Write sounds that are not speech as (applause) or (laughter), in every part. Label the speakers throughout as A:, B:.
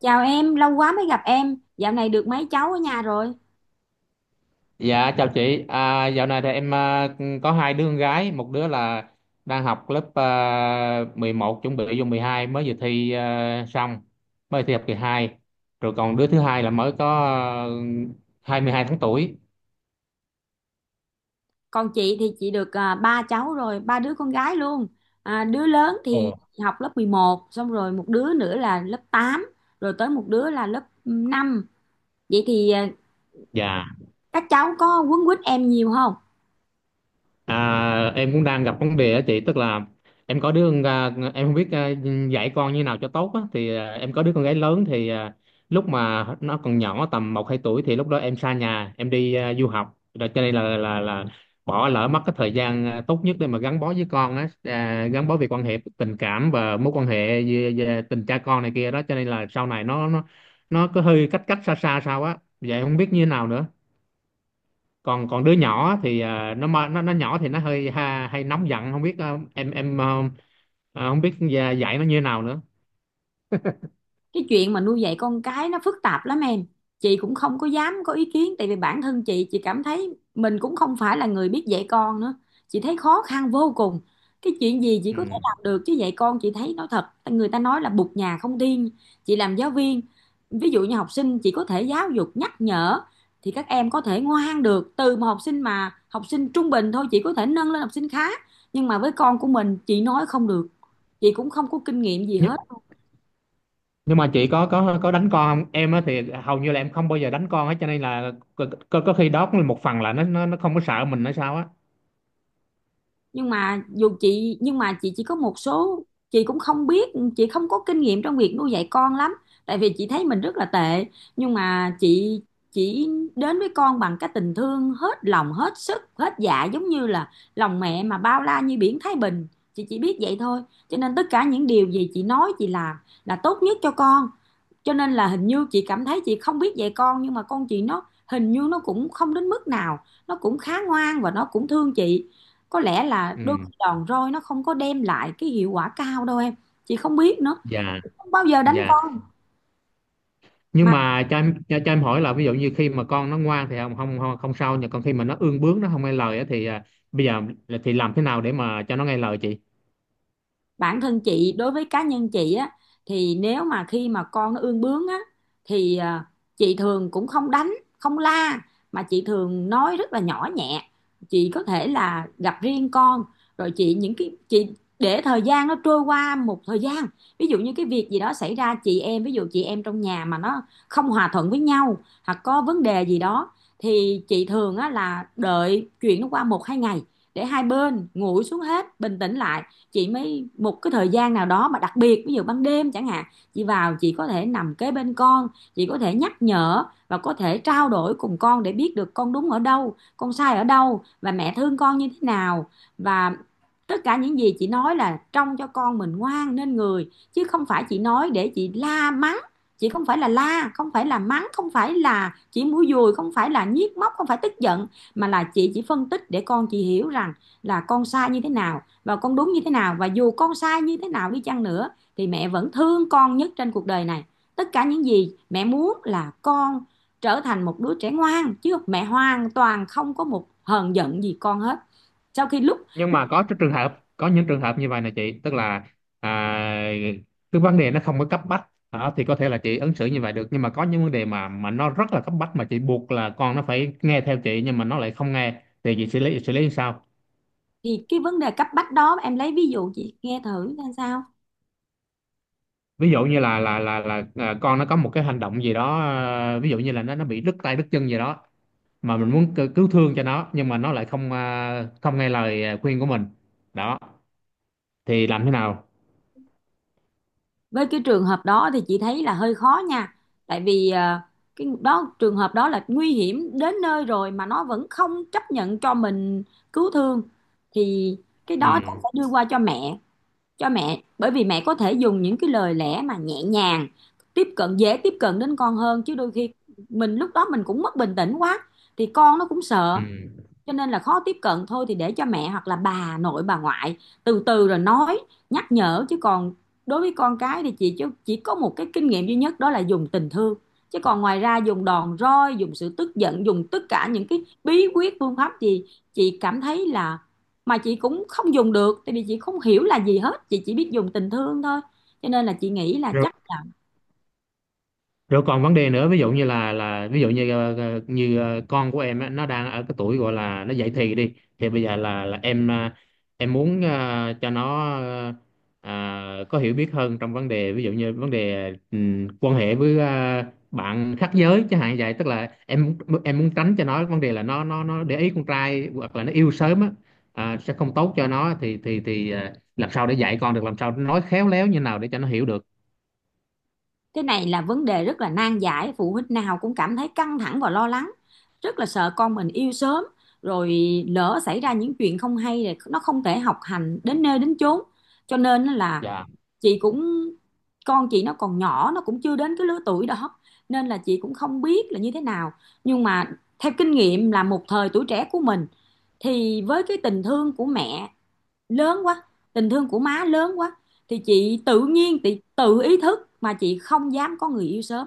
A: Chào em, lâu quá mới gặp em. Dạo này được mấy cháu ở nhà rồi?
B: Dạ chào chị, dạo này thì em có hai đứa con gái, một đứa là đang học lớp 11, chuẩn bị vô 12, mới vừa thi xong, mới thi học kỳ hai. Rồi còn đứa thứ hai là mới có 22 tháng tuổi.
A: Còn chị thì chị được ba cháu rồi, ba đứa con gái luôn. Đứa lớn thì
B: Ồ.
A: học lớp 11, xong rồi một đứa nữa là lớp 8, rồi tới một đứa là lớp 5. Vậy thì
B: Dạ.
A: các cháu có quấn quýt em nhiều không?
B: Em cũng đang gặp vấn đề á chị, tức là em có đứa con ra- em không biết dạy con như nào cho tốt á, thì em có đứa con gái lớn thì lúc mà nó còn nhỏ tầm một hai tuổi, thì lúc đó em xa nhà, em đi du học rồi, cho nên là bỏ lỡ mất cái thời gian tốt nhất để mà gắn bó với con á, gắn bó về quan hệ tình cảm và mối quan hệ về tình cha con này kia đó. Cho nên là sau này nó cứ hơi cách cách xa xa sao á, vậy không biết như thế nào nữa. Còn còn đứa nhỏ thì nó nhỏ thì nó hơi hay nóng giận, không biết em không biết dạy dạy nó như thế nào nữa.
A: Cái chuyện mà nuôi dạy con cái nó phức tạp lắm em. Chị cũng không có dám có ý kiến, tại vì bản thân chị cảm thấy mình cũng không phải là người biết dạy con nữa. Chị thấy khó khăn vô cùng. Cái chuyện gì chị
B: Ừ.
A: có thể làm được chứ dạy con, chị thấy nói thật, người ta nói là bụt nhà không tiên. Chị làm giáo viên, ví dụ như học sinh chị có thể giáo dục nhắc nhở thì các em có thể ngoan được, từ một học sinh mà học sinh trung bình thôi chị có thể nâng lên học sinh khá, nhưng mà với con của mình chị nói không được. Chị cũng không có kinh nghiệm gì
B: nhưng,
A: hết.
B: nhưng mà chị có đánh con không em á? Thì hầu như là em không bao giờ đánh con hết, cho nên là có khi đó cũng là một phần là nó không có sợ mình hay sao á.
A: Nhưng mà chị chỉ có một số, chị cũng không biết, chị không có kinh nghiệm trong việc nuôi dạy con lắm, tại vì chị thấy mình rất là tệ. Nhưng mà chị chỉ đến với con bằng cái tình thương hết lòng hết sức hết dạ, giống như là lòng mẹ mà bao la như biển Thái Bình. Chị chỉ biết vậy thôi, cho nên tất cả những điều gì chị nói chị làm là tốt nhất cho con. Cho nên là hình như chị cảm thấy chị không biết dạy con, nhưng mà con chị nó hình như nó cũng không đến mức nào, nó cũng khá ngoan và nó cũng thương chị. Có lẽ là đôi
B: Ừ.
A: khi đòn roi nó không có đem lại cái hiệu quả cao đâu em, chị không biết nữa.
B: Dạ,
A: Không bao giờ đánh
B: dạ.
A: con
B: Nhưng
A: mà.
B: mà cho em hỏi là ví dụ như khi mà con nó ngoan thì không sao, nhưng còn khi mà nó ương bướng, nó không nghe lời á thì bây giờ thì làm thế nào để mà cho nó nghe lời chị?
A: Bản thân chị, đối với cá nhân chị á, thì nếu mà khi mà con nó ương bướng á thì chị thường cũng không đánh, không la, mà chị thường nói rất là nhỏ nhẹ. Chị có thể là gặp riêng con, rồi chị những cái chị để thời gian nó trôi qua một thời gian. Ví dụ như cái việc gì đó xảy ra, chị em trong nhà mà nó không hòa thuận với nhau, hoặc có vấn đề gì đó, thì chị thường á là đợi chuyện nó qua một hai ngày, để hai bên nguội xuống hết, bình tĩnh lại, chị mới một cái thời gian nào đó mà đặc biệt ví dụ ban đêm chẳng hạn, chị vào chị có thể nằm kế bên con, chị có thể nhắc nhở và có thể trao đổi cùng con để biết được con đúng ở đâu, con sai ở đâu, và mẹ thương con như thế nào. Và tất cả những gì chị nói là trong cho con mình ngoan nên người, chứ không phải chị nói để chị la mắng. Chị không phải là la, không phải là mắng, không phải là chỉ mũi dùi, không phải là nhiếc móc, không phải tức giận, mà là chị chỉ phân tích để con chị hiểu rằng là con sai như thế nào và con đúng như thế nào, và dù con sai như thế nào đi chăng nữa thì mẹ vẫn thương con nhất trên cuộc đời này. Tất cả những gì mẹ muốn là con trở thành một đứa trẻ ngoan, chứ mẹ hoàn toàn không có một hờn giận gì con hết. Sau khi lúc
B: Nhưng mà có những trường hợp như vậy này chị, tức là à, cái vấn đề nó không có cấp bách đó thì có thể là chị ứng xử như vậy được, nhưng mà có những vấn đề mà nó rất là cấp bách mà chị buộc là con nó phải nghe theo chị, nhưng mà nó lại không nghe thì chị xử lý như sao?
A: thì cái vấn đề cấp bách đó em lấy ví dụ chị nghe thử xem sao.
B: Ví dụ như là con nó có một cái hành động gì đó, ví dụ như là nó bị đứt tay đứt chân gì đó, mà mình muốn cứu cứu thương cho nó, nhưng mà nó lại không nghe lời khuyên của mình. Đó, thì làm thế nào?
A: Với cái trường hợp đó thì chị thấy là hơi khó nha, tại vì cái đó trường hợp đó là nguy hiểm đến nơi rồi mà nó vẫn không chấp nhận cho mình cứu thương, thì cái
B: Ừ.
A: đó chắc phải đưa qua cho mẹ, bởi vì mẹ có thể dùng những cái lời lẽ mà nhẹ nhàng tiếp cận dễ tiếp cận đến con hơn, chứ đôi khi mình lúc đó mình cũng mất bình tĩnh quá thì con nó cũng
B: Ừ.
A: sợ, cho nên là khó tiếp cận. Thôi thì để cho mẹ hoặc là bà nội bà ngoại từ từ rồi nói nhắc nhở. Chứ còn đối với con cái thì chị chỉ có một cái kinh nghiệm duy nhất, đó là dùng tình thương. Chứ còn ngoài ra dùng đòn roi, dùng sự tức giận, dùng tất cả những cái bí quyết phương pháp gì, chị cảm thấy là, mà chị cũng không dùng được tại vì chị không hiểu là gì hết, chị chỉ biết dùng tình thương thôi. Cho nên là chị nghĩ là chắc là
B: Rồi còn vấn đề nữa, ví dụ như là ví dụ như ờ, ờ, như ờ, con của em á, nó đang ở cái tuổi gọi là nó dậy thì, đi thì bây giờ là em em muốn cho nó có hiểu biết hơn trong vấn đề, ví dụ như vấn đề quan hệ với bạn khác giới chẳng hạn, vậy tức là em muốn tránh cho nó vấn đề là nó để ý con trai hoặc là nó yêu sớm á, sẽ không tốt cho nó, thì làm sao để dạy con được, làm sao nói khéo léo như nào để cho nó hiểu được.
A: cái này là vấn đề rất là nan giải, phụ huynh nào cũng cảm thấy căng thẳng và lo lắng, rất là sợ con mình yêu sớm, rồi lỡ xảy ra những chuyện không hay, rồi nó không thể học hành đến nơi đến chốn. Cho nên là
B: Dạ.
A: chị cũng, con chị nó còn nhỏ, nó cũng chưa đến cái lứa tuổi đó, nên là chị cũng không biết là như thế nào. Nhưng mà theo kinh nghiệm là một thời tuổi trẻ của mình, thì với cái tình thương của mẹ lớn quá, tình thương của má lớn quá, thì chị tự nhiên chị tự ý thức mà chị không dám có người yêu sớm.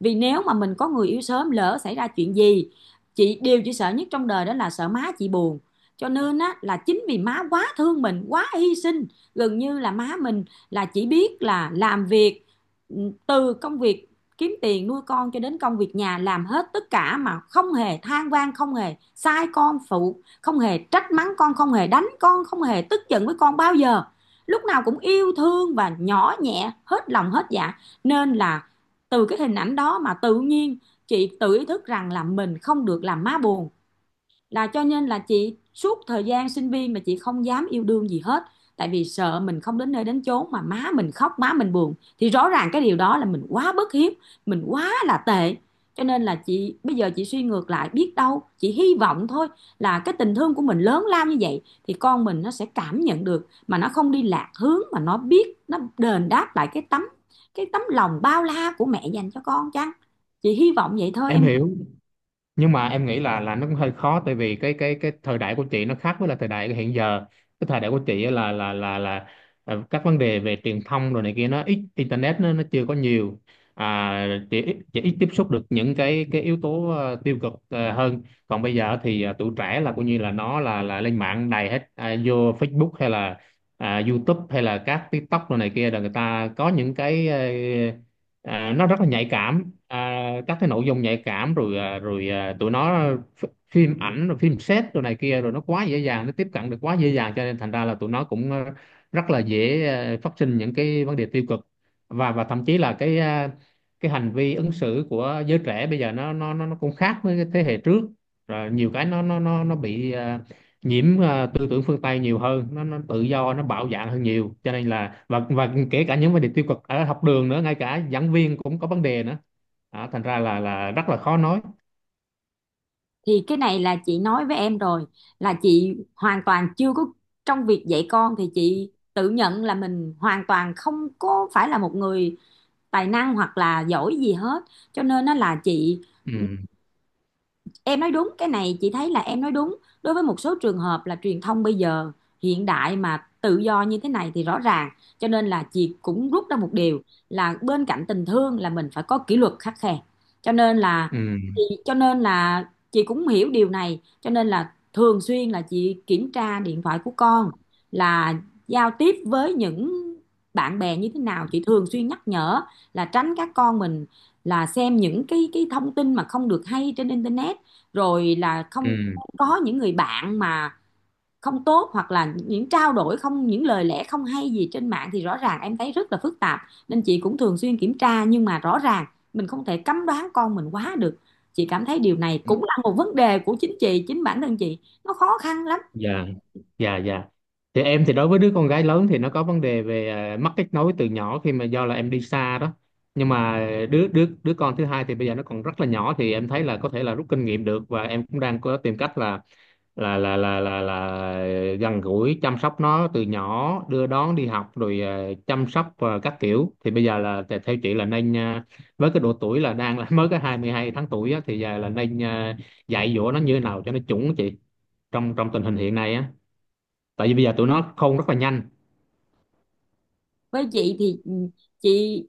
A: Vì nếu mà mình có người yêu sớm lỡ xảy ra chuyện gì, chị điều chị sợ nhất trong đời đó là sợ má chị buồn. Cho nên á là chính vì má quá thương mình, quá hy sinh, gần như là má mình là chỉ biết là làm việc. Ừ, từ công việc kiếm tiền nuôi con cho đến công việc nhà, làm hết tất cả mà không hề than van, không hề sai con phụ, không hề trách mắng con, không hề đánh con, không hề tức giận với con bao giờ, lúc nào cũng yêu thương và nhỏ nhẹ hết lòng hết dạ. Nên là từ cái hình ảnh đó mà tự nhiên chị tự ý thức rằng là mình không được làm má buồn. Là cho nên là chị suốt thời gian sinh viên mà chị không dám yêu đương gì hết, tại vì sợ mình không đến nơi đến chốn mà má mình khóc, má mình buồn, thì rõ ràng cái điều đó là mình quá bất hiếu, mình quá là tệ. Cho nên là chị bây giờ chị suy ngược lại, biết đâu chị hy vọng thôi, là cái tình thương của mình lớn lao như vậy thì con mình nó sẽ cảm nhận được, mà nó không đi lạc hướng, mà nó biết nó đền đáp lại cái tấm lòng bao la của mẹ dành cho con chăng. Chị hy vọng vậy thôi
B: Em
A: em.
B: hiểu. Nhưng mà em nghĩ là nó cũng hơi khó, tại vì cái thời đại của chị nó khác với là thời đại hiện giờ. Cái thời đại của chị á là các vấn đề về truyền thông rồi này kia, nó ít internet, nó chưa có nhiều. Chị ít tiếp xúc được những cái yếu tố tiêu cực hơn. Còn bây giờ thì tụi trẻ là coi như là nó là lên mạng đầy hết, vô Facebook hay là YouTube hay là các TikTok rồi này kia, là người ta có những cái nó rất là nhạy cảm, à, các cái nội dung nhạy cảm, tụi nó phim ảnh rồi phim set rồi này kia, rồi nó quá dễ dàng, nó tiếp cận được quá dễ dàng, cho nên thành ra là tụi nó cũng rất là dễ phát sinh những cái vấn đề tiêu cực. Và thậm chí là cái hành vi ứng xử của giới trẻ bây giờ nó cũng khác với cái thế hệ trước. Rồi nhiều cái nó bị nhiễm tư tưởng phương Tây nhiều hơn, nó tự do, nó bạo dạn hơn nhiều, cho nên là và kể cả những vấn đề tiêu cực ở học đường nữa, ngay cả giảng viên cũng có vấn đề nữa. Đó, thành ra là rất là khó nói.
A: Thì cái này là chị nói với em rồi, là chị hoàn toàn chưa có, trong việc dạy con thì chị tự nhận là mình hoàn toàn không có phải là một người tài năng hoặc là giỏi gì hết. Cho nên nó là chị,
B: Ừ,
A: em nói đúng, cái này chị thấy là em nói đúng, đối với một số trường hợp là truyền thông bây giờ hiện đại mà tự do như thế này thì rõ ràng. Cho nên là chị cũng rút ra một điều là bên cạnh tình thương là mình phải có kỷ luật khắt khe. cho nên là
B: ừ,
A: chị cho nên là chị cũng hiểu điều này, cho nên là thường xuyên là chị kiểm tra điện thoại của con, là giao tiếp với những bạn bè như thế nào. Chị thường xuyên nhắc nhở là tránh các con mình là xem những cái thông tin mà không được hay trên internet, rồi là không
B: ừ.
A: có những người bạn mà không tốt, hoặc là những trao đổi không, những lời lẽ không hay gì trên mạng, thì rõ ràng em thấy rất là phức tạp. Nên chị cũng thường xuyên kiểm tra, nhưng mà rõ ràng mình không thể cấm đoán con mình quá được. Chị cảm thấy điều này cũng là một vấn đề của chính chị, chính bản thân chị, nó khó khăn lắm.
B: Dạ, dạ, dạ. Thì em thì đối với đứa con gái lớn thì nó có vấn đề về mất kết nối từ nhỏ, khi mà do là em đi xa đó. Nhưng mà đứa đứa đứa con thứ hai thì bây giờ nó còn rất là nhỏ, thì em thấy là có thể là rút kinh nghiệm được, và em cũng đang có tìm cách là gần gũi chăm sóc nó từ nhỏ, đưa đón đi học, rồi chăm sóc các kiểu. Thì bây giờ là theo chị là nên với cái độ tuổi là đang là (laughs) mới có 22 tháng tuổi á, thì giờ là nên dạy dỗ nó như thế nào cho nó chuẩn á chị, trong trong tình hình hiện nay á, tại vì bây giờ tụi nó khôn rất là nhanh.
A: Với chị thì ừ, chị,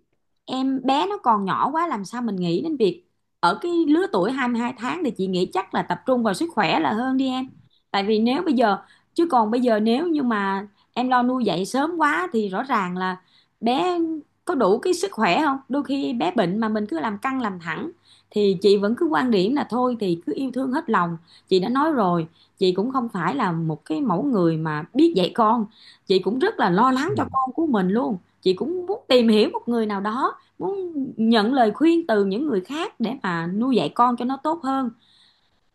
A: em bé nó còn nhỏ quá làm sao mình nghĩ đến việc, ở cái lứa tuổi 22 tháng thì chị nghĩ chắc là tập trung vào sức khỏe là hơn đi em. Tại vì nếu bây giờ, chứ còn bây giờ nếu như mà em lo nuôi dạy sớm quá thì rõ ràng là bé có đủ cái sức khỏe không, đôi khi bé bệnh mà mình cứ làm căng làm thẳng, thì chị vẫn cứ quan điểm là thôi thì cứ Yêu thương hết lòng. Chị đã nói rồi, chị cũng không phải là một cái mẫu người mà biết dạy con. Chị cũng rất là lo lắng
B: Ừ.
A: cho con của mình luôn, chị cũng muốn tìm hiểu một người nào đó, muốn nhận lời khuyên từ những người khác để mà nuôi dạy con cho nó tốt hơn.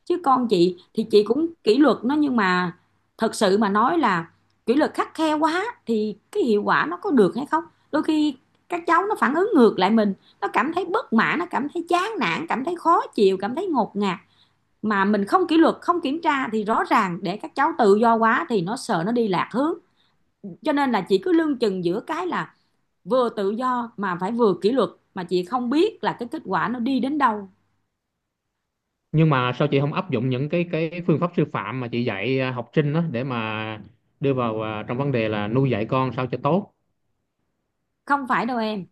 A: Chứ con chị thì chị cũng kỷ luật nó, nhưng mà thật sự mà nói là kỷ luật khắt khe quá thì cái hiệu quả nó có được hay không. Đôi khi các cháu nó phản ứng ngược lại mình, nó cảm thấy bất mãn, nó cảm thấy chán nản, cảm thấy khó chịu, cảm thấy ngột ngạt. Mà mình không kỷ luật, không kiểm tra thì rõ ràng để các cháu tự do quá thì nó sợ nó đi lạc hướng. Cho nên là chị cứ lưng chừng giữa cái là vừa tự do mà phải vừa kỷ luật, mà chị không biết là cái kết quả nó đi đến đâu.
B: Nhưng mà sao chị không áp dụng những cái phương pháp sư phạm mà chị dạy học sinh đó, để mà đưa vào trong vấn đề là nuôi dạy con sao cho tốt?
A: Không phải đâu em,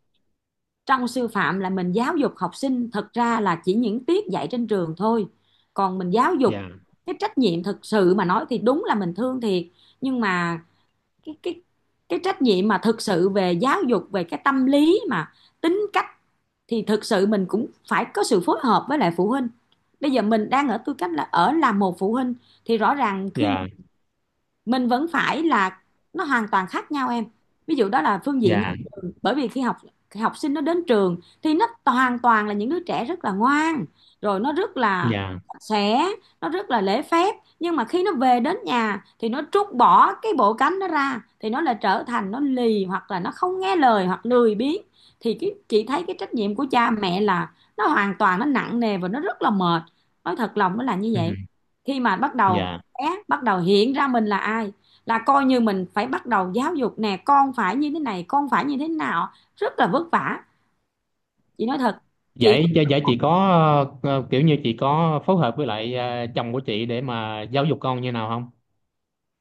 A: trong sư phạm là mình giáo dục học sinh, thật ra là chỉ những tiết dạy trên trường thôi. Còn mình giáo
B: Dạ,
A: dục cái trách nhiệm thực sự mà nói thì đúng là mình thương thiệt, nhưng mà cái cái cái trách nhiệm mà thực sự về giáo dục, về cái tâm lý mà tính cách thì thực sự mình cũng phải có sự phối hợp với lại phụ huynh. Bây giờ mình đang ở tư cách là ở làm một phụ huynh thì rõ ràng khi
B: dạ,
A: mình vẫn phải là, nó hoàn toàn khác nhau em. Ví dụ đó là phương diện nhà
B: dạ,
A: trường, bởi vì khi học, học sinh nó đến trường thì nó hoàn toàn là những đứa trẻ rất là ngoan, rồi nó rất là
B: dạ.
A: sạch sẽ, nó rất là lễ phép. Nhưng mà khi nó về đến nhà thì nó trút bỏ cái bộ cánh nó ra thì nó lại trở thành nó lì, hoặc là nó không nghe lời, hoặc lười biếng. Thì cái, chị thấy cái trách nhiệm của cha mẹ là nó hoàn toàn nó nặng nề và nó rất là mệt, nói thật lòng nó là như
B: Ừ,
A: vậy. Khi mà bắt đầu
B: dạ.
A: bé bắt đầu hiện ra mình là ai là coi như mình phải bắt đầu giáo dục, nè con phải như thế này, con phải như thế nào. Rất là vất vả, chị nói thật. chị
B: Vậy vậy vậy chị có kiểu như chị có phối hợp với lại chồng của chị để mà giáo dục con như nào không?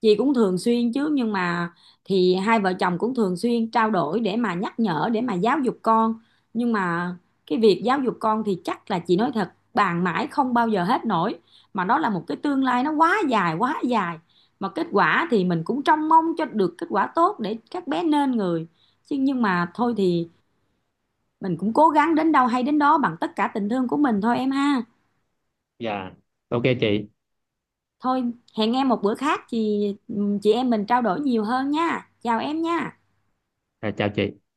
A: chị cũng thường xuyên chứ, nhưng mà thì hai vợ chồng cũng thường xuyên trao đổi để mà nhắc nhở, để mà giáo dục con. Nhưng mà cái việc giáo dục con thì chắc là chị nói thật, bàn mãi không bao giờ hết nổi, mà nó là một cái tương lai nó quá dài quá dài. Mà kết quả thì mình cũng trông mong cho được kết quả tốt để các bé nên người. Chứ nhưng mà thôi thì mình cũng cố gắng đến đâu hay đến đó, bằng tất cả tình thương của mình thôi em ha.
B: Dạ. Ok chị.
A: Thôi, hẹn em một bữa khác. Chị em mình trao đổi nhiều hơn nha, chào em nha.
B: Rồi, chào chị.